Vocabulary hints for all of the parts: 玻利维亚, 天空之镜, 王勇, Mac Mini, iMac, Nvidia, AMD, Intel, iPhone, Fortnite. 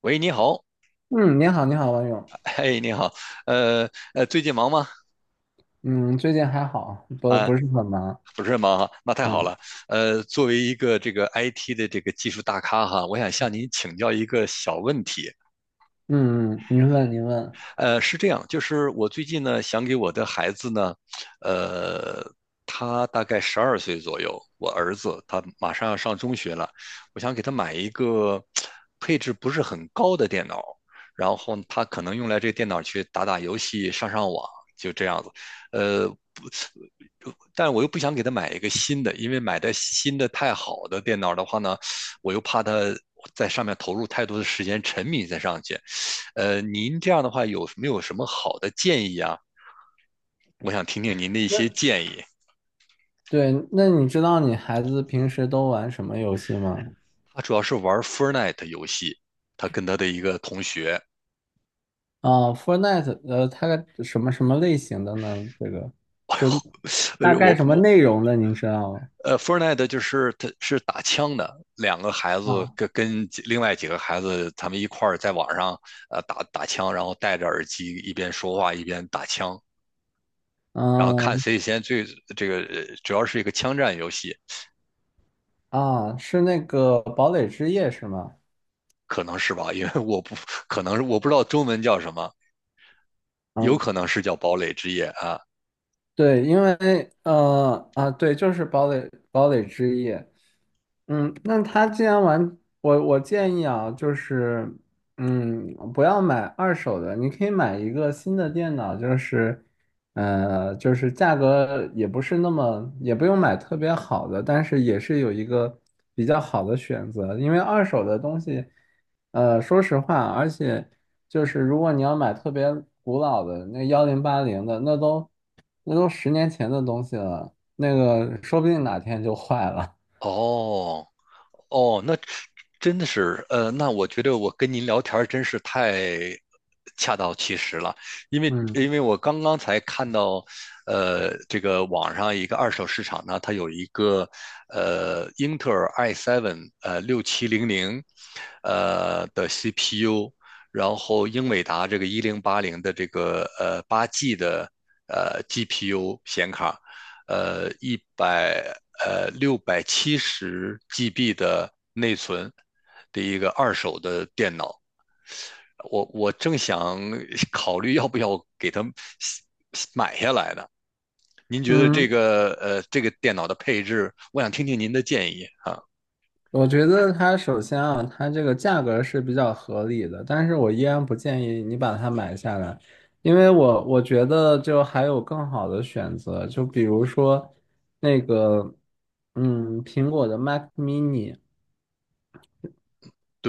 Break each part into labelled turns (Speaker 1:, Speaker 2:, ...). Speaker 1: 喂，你好，
Speaker 2: 嗯，你好，你好，王勇。
Speaker 1: 哎，你好，呃最近忙吗？
Speaker 2: 嗯，最近还好，不是很忙。
Speaker 1: 不是忙哈，那太好
Speaker 2: 嗯
Speaker 1: 了。作为一个这个 IT 的这个技术大咖哈，我想向您请教一个小问题。
Speaker 2: 嗯，您问您问。
Speaker 1: 是这样，就是我最近呢，想给我的孩子呢，呃，他大概12岁左右，我儿子他马上要上中学了，我想给他买一个配置不是很高的电脑，然后他可能用来这个电脑去打打游戏、上上网，就这样子。呃，不，但我又不想给他买一个新的，因为买的新的太好的电脑的话呢，我又怕他在上面投入太多的时间，沉迷在上去。您这样的话有没有什么好的建议啊？我想听听您的一
Speaker 2: 那
Speaker 1: 些建议。
Speaker 2: 对，那你知道你孩子平时都玩什么游戏吗？
Speaker 1: 他主要是玩 Fortnite 游戏，他跟他的一个同学。
Speaker 2: 啊，Fortnite，它什么类型的呢？这个就大
Speaker 1: 呃，我
Speaker 2: 概什么
Speaker 1: 我
Speaker 2: 内容的，您知道
Speaker 1: 呃，Fortnite 就是他是打枪的，两个孩子
Speaker 2: 吗？
Speaker 1: 跟另外几个孩子他们一块儿在网上打打枪，然后戴着耳机一边说话一边打枪，然后看
Speaker 2: 嗯
Speaker 1: 谁先最，主要是一个枪战游戏。
Speaker 2: 是那个堡垒之夜是吗？
Speaker 1: 可能是吧？因为我不可能是，我不知道中文叫什么，有
Speaker 2: 嗯。
Speaker 1: 可能是叫堡垒之夜啊。
Speaker 2: 对，因为对，就是堡垒之夜。嗯，那他既然玩，我建议啊，就是嗯，不要买二手的，你可以买一个新的电脑，就是就是价格也不是那么，也不用买特别好的，但是也是有一个比较好的选择，因为二手的东西，说实话，而且。就是如果你要买特别古老的那幺零八零的，那都10年前的东西了，那个说不定哪天就坏了。
Speaker 1: 哦哦，那真的是，那我觉得我跟您聊天儿真是太恰到其时了，因为
Speaker 2: 嗯
Speaker 1: 因为我刚刚才看到，这个网上一个二手市场呢，它有一个英特尔 i7 6700的 CPU，然后英伟达这个1080的这个8G 的GPU 显卡，呃一百呃670 GB 的内存的一个二手的电脑。我正想 考虑要不要给它买下来呢。您觉得这
Speaker 2: 嗯，
Speaker 1: 个呃这个电脑的配置，我想听听您的建议啊。
Speaker 2: 我觉得它首先啊，它这个价格是比较合理的，但是我依然不建议你把它买下来，因为我觉得就还有更好的选择，就比如说那个嗯苹果的 Mac Mini。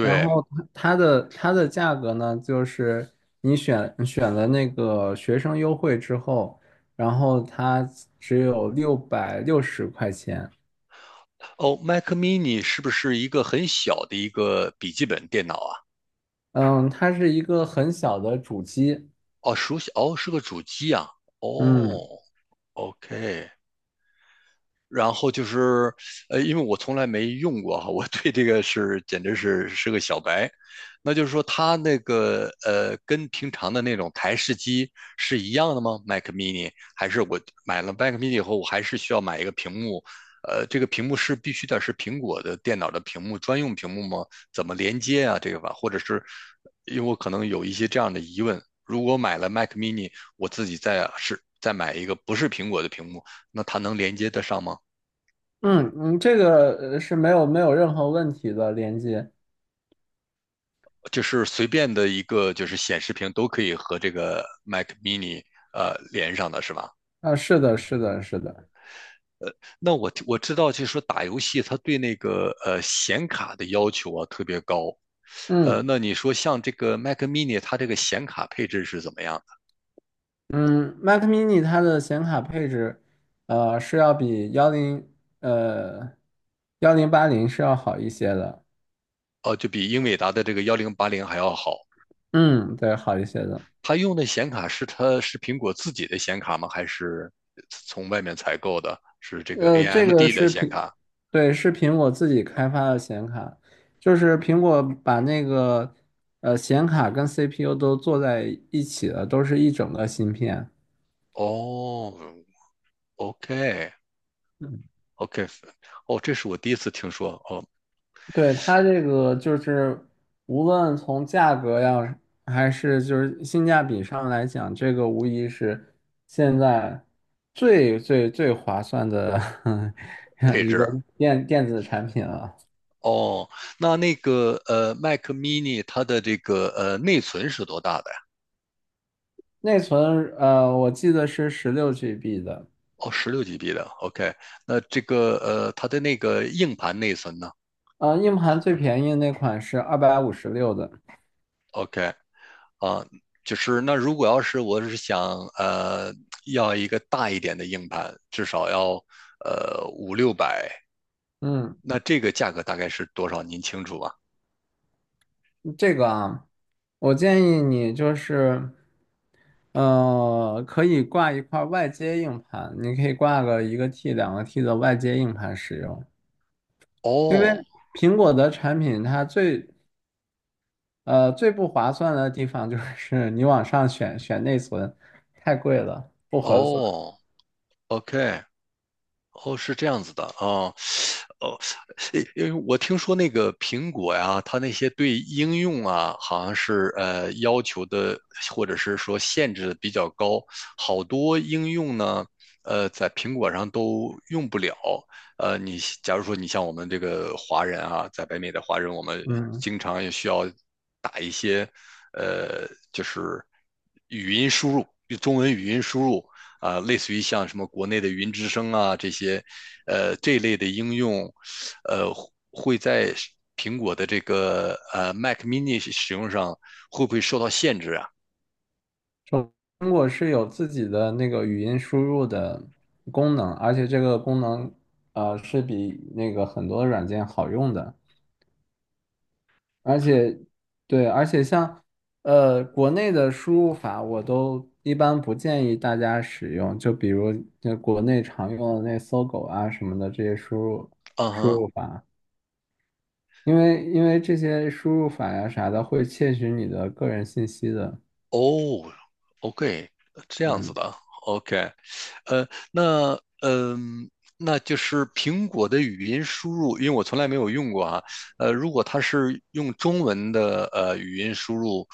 Speaker 2: 然后它的价格呢，就是你选了那个学生优惠之后，然后它只有660块钱。
Speaker 1: 哦，Mac Mini 是不是一个很小的一个笔记本电脑啊？
Speaker 2: 嗯，它是一个很小的主机。
Speaker 1: 哦，熟悉，哦，是个主机啊。
Speaker 2: 嗯
Speaker 1: 哦，OK，然后就是，因为我从来没用过哈，我对这个是简直是个小白。那就是说，它那个跟平常的那种台式机是一样的吗？Mac mini 还是我买了 Mac mini 以后，我还是需要买一个屏幕？这个屏幕是必须得是苹果的电脑的屏幕专用屏幕吗？怎么连接啊？这个吧，或者是因为我可能有一些这样的疑问，如果买了 Mac mini，我自己再买一个不是苹果的屏幕，那它能连接得上吗？
Speaker 2: 嗯，这个是没有任何问题的连接。
Speaker 1: 就是随便的一个就是显示屏都可以和这个 Mac Mini 连上的是吧？
Speaker 2: 啊，是的，是的，是的。
Speaker 1: 那我知道，就是说打游戏它对那个显卡的要求啊特别高。
Speaker 2: 嗯
Speaker 1: 那你说像这个 Mac Mini，它这个显卡配置是怎么样的？
Speaker 2: 嗯，Mac mini 它的显卡配置，是要比呃幺零八零是要好一些的。
Speaker 1: 就比英伟达的这个1080还要好。
Speaker 2: 嗯，对，好一些的。
Speaker 1: 它用的显卡是苹果自己的显卡吗？还是从外面采购的？是这个
Speaker 2: 这个
Speaker 1: AMD 的
Speaker 2: 是
Speaker 1: 显
Speaker 2: 苹，
Speaker 1: 卡？
Speaker 2: 对，是苹果自己开发的显卡，就是苹果把那个显卡跟 CPU 都做在一起了，都是一整个芯片。
Speaker 1: 哦，OK，
Speaker 2: 嗯，
Speaker 1: OK。哦，这是我第一次听说哦。
Speaker 2: 对，它这个就是无论从价格呀，还是就是性价比上来讲，这个无疑是现在最划算的
Speaker 1: 配
Speaker 2: 一个
Speaker 1: 置
Speaker 2: 电子产品了。
Speaker 1: 哦，那个，Mac mini 它的这个内存是多大的呀？
Speaker 2: 内存我记得是16 GB 的，
Speaker 1: 哦，16 GB 的。OK，那这个它的那个硬盘内存呢
Speaker 2: 硬盘最便宜那款是256的。
Speaker 1: ？OK 啊，就是那如果要是我是想要一个大一点的硬盘，至少要五六百，五六百，
Speaker 2: 嗯，
Speaker 1: 那这个价格大概是多少？您清楚吗？
Speaker 2: 这个啊，我建议你就是，可以挂一块外接硬盘，你可以挂个1 T、2 T 的外接硬盘使用。
Speaker 1: 哦
Speaker 2: 苹果的产品它最不划算的地方就是你往上选内存，太贵了，不合算。
Speaker 1: 哦，OK。哦，是这样子的啊。哦，诶因为我听说那个苹果呀，它那些对应用啊，好像是要求的或者是说限制的比较高，好多应用呢，在苹果上都用不了。你假如说你像我们这个华人啊，在北美的华人，我们
Speaker 2: 嗯
Speaker 1: 经常也需要打一些，就是语音输入，中文语音输入，啊、类似于像什么国内的云之声啊这些，这类的应用，呃会在苹果的这个Mac Mini 使用上会不会受到限制啊？
Speaker 2: 中中国是有自己的那个语音输入的功能，而且这个功能是比那个很多软件好用的，而且对，而且像国内的输入法我都一般不建议大家使用，就比如那国内常用的那搜狗啊什么的这些输入
Speaker 1: 嗯
Speaker 2: 输
Speaker 1: 哼。
Speaker 2: 入法，因为这些输入法呀啥的会窃取你的个人信息的，
Speaker 1: 哦，OK，这样子
Speaker 2: 嗯。
Speaker 1: 的。OK，那嗯。那就是苹果的语音输入，因为我从来没有用过啊。如果它是用中文的语音输入，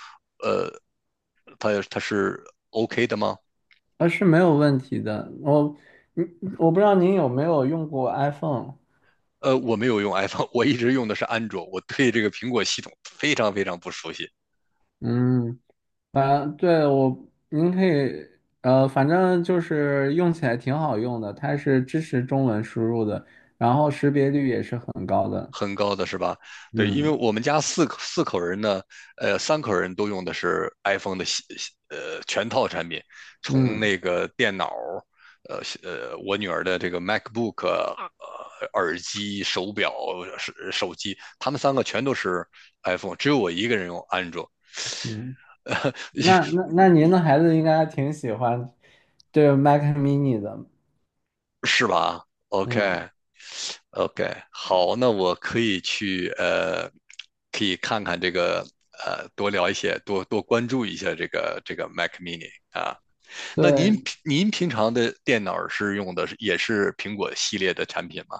Speaker 1: 它是 OK 的吗？
Speaker 2: 啊，是没有问题的。我，嗯，我不知道您有没有用过 iPhone。
Speaker 1: 我没有用 iPhone，我一直用的是安卓，我对这个苹果系统非常非常不熟悉。
Speaker 2: 嗯，反对我，您可以，反正就是用起来挺好用的，它是支持中文输入的，然后识别率也是很高的。
Speaker 1: 很高的是吧？对，因为
Speaker 2: 嗯
Speaker 1: 我们家四口人呢，三口人都用的是 iPhone 的全套产品，从
Speaker 2: 嗯
Speaker 1: 那个电脑，我女儿的这个 MacBook、耳机、手表、手机，他们三个全都是 iPhone，只有我一个人用安卓。
Speaker 2: 嗯，
Speaker 1: 呃，
Speaker 2: 那您
Speaker 1: 我
Speaker 2: 的孩子应该挺喜欢这个 Mac mini 的。
Speaker 1: 我是吧
Speaker 2: 嗯，
Speaker 1: ？OK，OK，好，那我可以去，可以看看这个，多聊一些，多多关注一下这个 Mac Mini 啊。那您
Speaker 2: 对，
Speaker 1: 平您平常的电脑是用的是也是苹果系列的产品吗？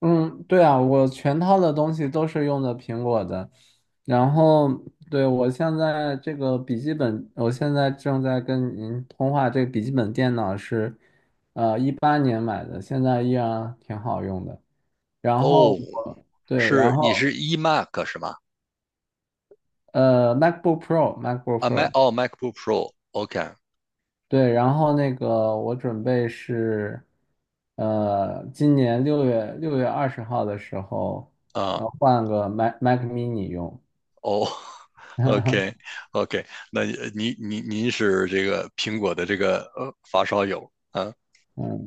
Speaker 2: 嗯，对啊，我全套的东西都是用的苹果的，然后对我现在这个笔记本，我现在正在跟您通话，这个笔记本电脑是，18年买的，现在依然挺好用的。然后
Speaker 1: 哦，
Speaker 2: 我对，然
Speaker 1: 是你是
Speaker 2: 后
Speaker 1: iMac 是吗？
Speaker 2: MacBook Pro，MacBook
Speaker 1: 啊，
Speaker 2: Pro，
Speaker 1: MacBook Pro。OK
Speaker 2: 对，然后那个我准备是，今年六月二十号的时候，
Speaker 1: 啊，
Speaker 2: 换个 Mac Mini 用。
Speaker 1: 哦，OK， OK。那您是这个苹果的这个发烧友啊。
Speaker 2: 嗯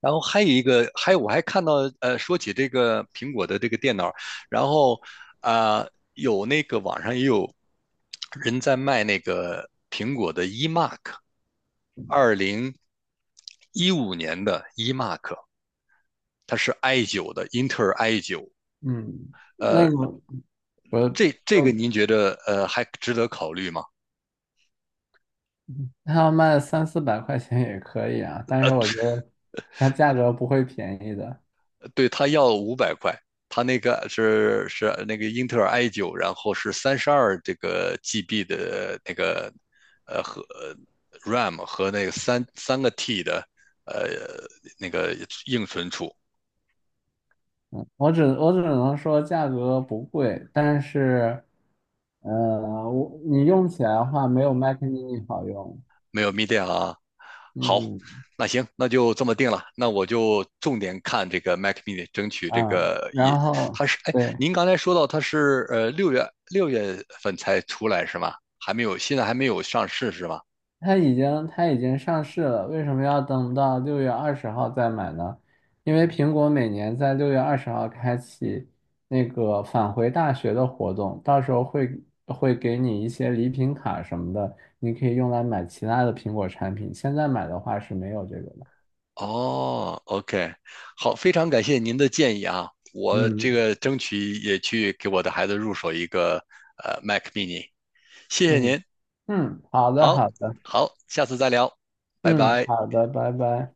Speaker 1: 然后还有一个，还有我还看到，说起这个苹果的这个电脑，然后啊、有那个网上也有人在卖那个苹果的 iMac，2015年的 iMac，它是 i 九的，英特尔 i 九。
Speaker 2: 嗯，
Speaker 1: 呃，
Speaker 2: 那个我
Speaker 1: 这个
Speaker 2: 就
Speaker 1: 您觉得还值得考虑吗？
Speaker 2: 他要卖3、400块钱也可以啊，但
Speaker 1: 呃，
Speaker 2: 是我觉得它价格不会便宜的。
Speaker 1: 对，他要500块，他那个是那个英特尔 i 九，然后是32GB 的那个和 RAM 和那个三个 T 的呃那个硬存储。
Speaker 2: 我只能说价格不贵，但是，你用起来的话没有 Mac mini 好用。
Speaker 1: 没有 Media 好。
Speaker 2: 嗯
Speaker 1: 那行，那就这么定了。那我就重点看这个 Mac Mini，争取这
Speaker 2: 啊，
Speaker 1: 个也，
Speaker 2: 然后
Speaker 1: 它是哎，
Speaker 2: 对。
Speaker 1: 您刚才说到它是六月份才出来是吗？还没有，现在还没有上市是吗？
Speaker 2: 它已经上市了，为什么要等到六月二十号再买呢？因为苹果每年在六月二十号开启那个返回大学的活动，到时候会给你一些礼品卡什么的，你可以用来买其他的苹果产品。现在买的话是没有这个的。
Speaker 1: 哦，OK，好，非常感谢您的建议啊，我这
Speaker 2: 嗯
Speaker 1: 个争取也去给我的孩子入手一个Mac mini。谢谢
Speaker 2: 嗯
Speaker 1: 您，
Speaker 2: 好的
Speaker 1: 好，
Speaker 2: 好的，
Speaker 1: 好，下次再聊，拜
Speaker 2: 嗯
Speaker 1: 拜。
Speaker 2: 好的，拜拜。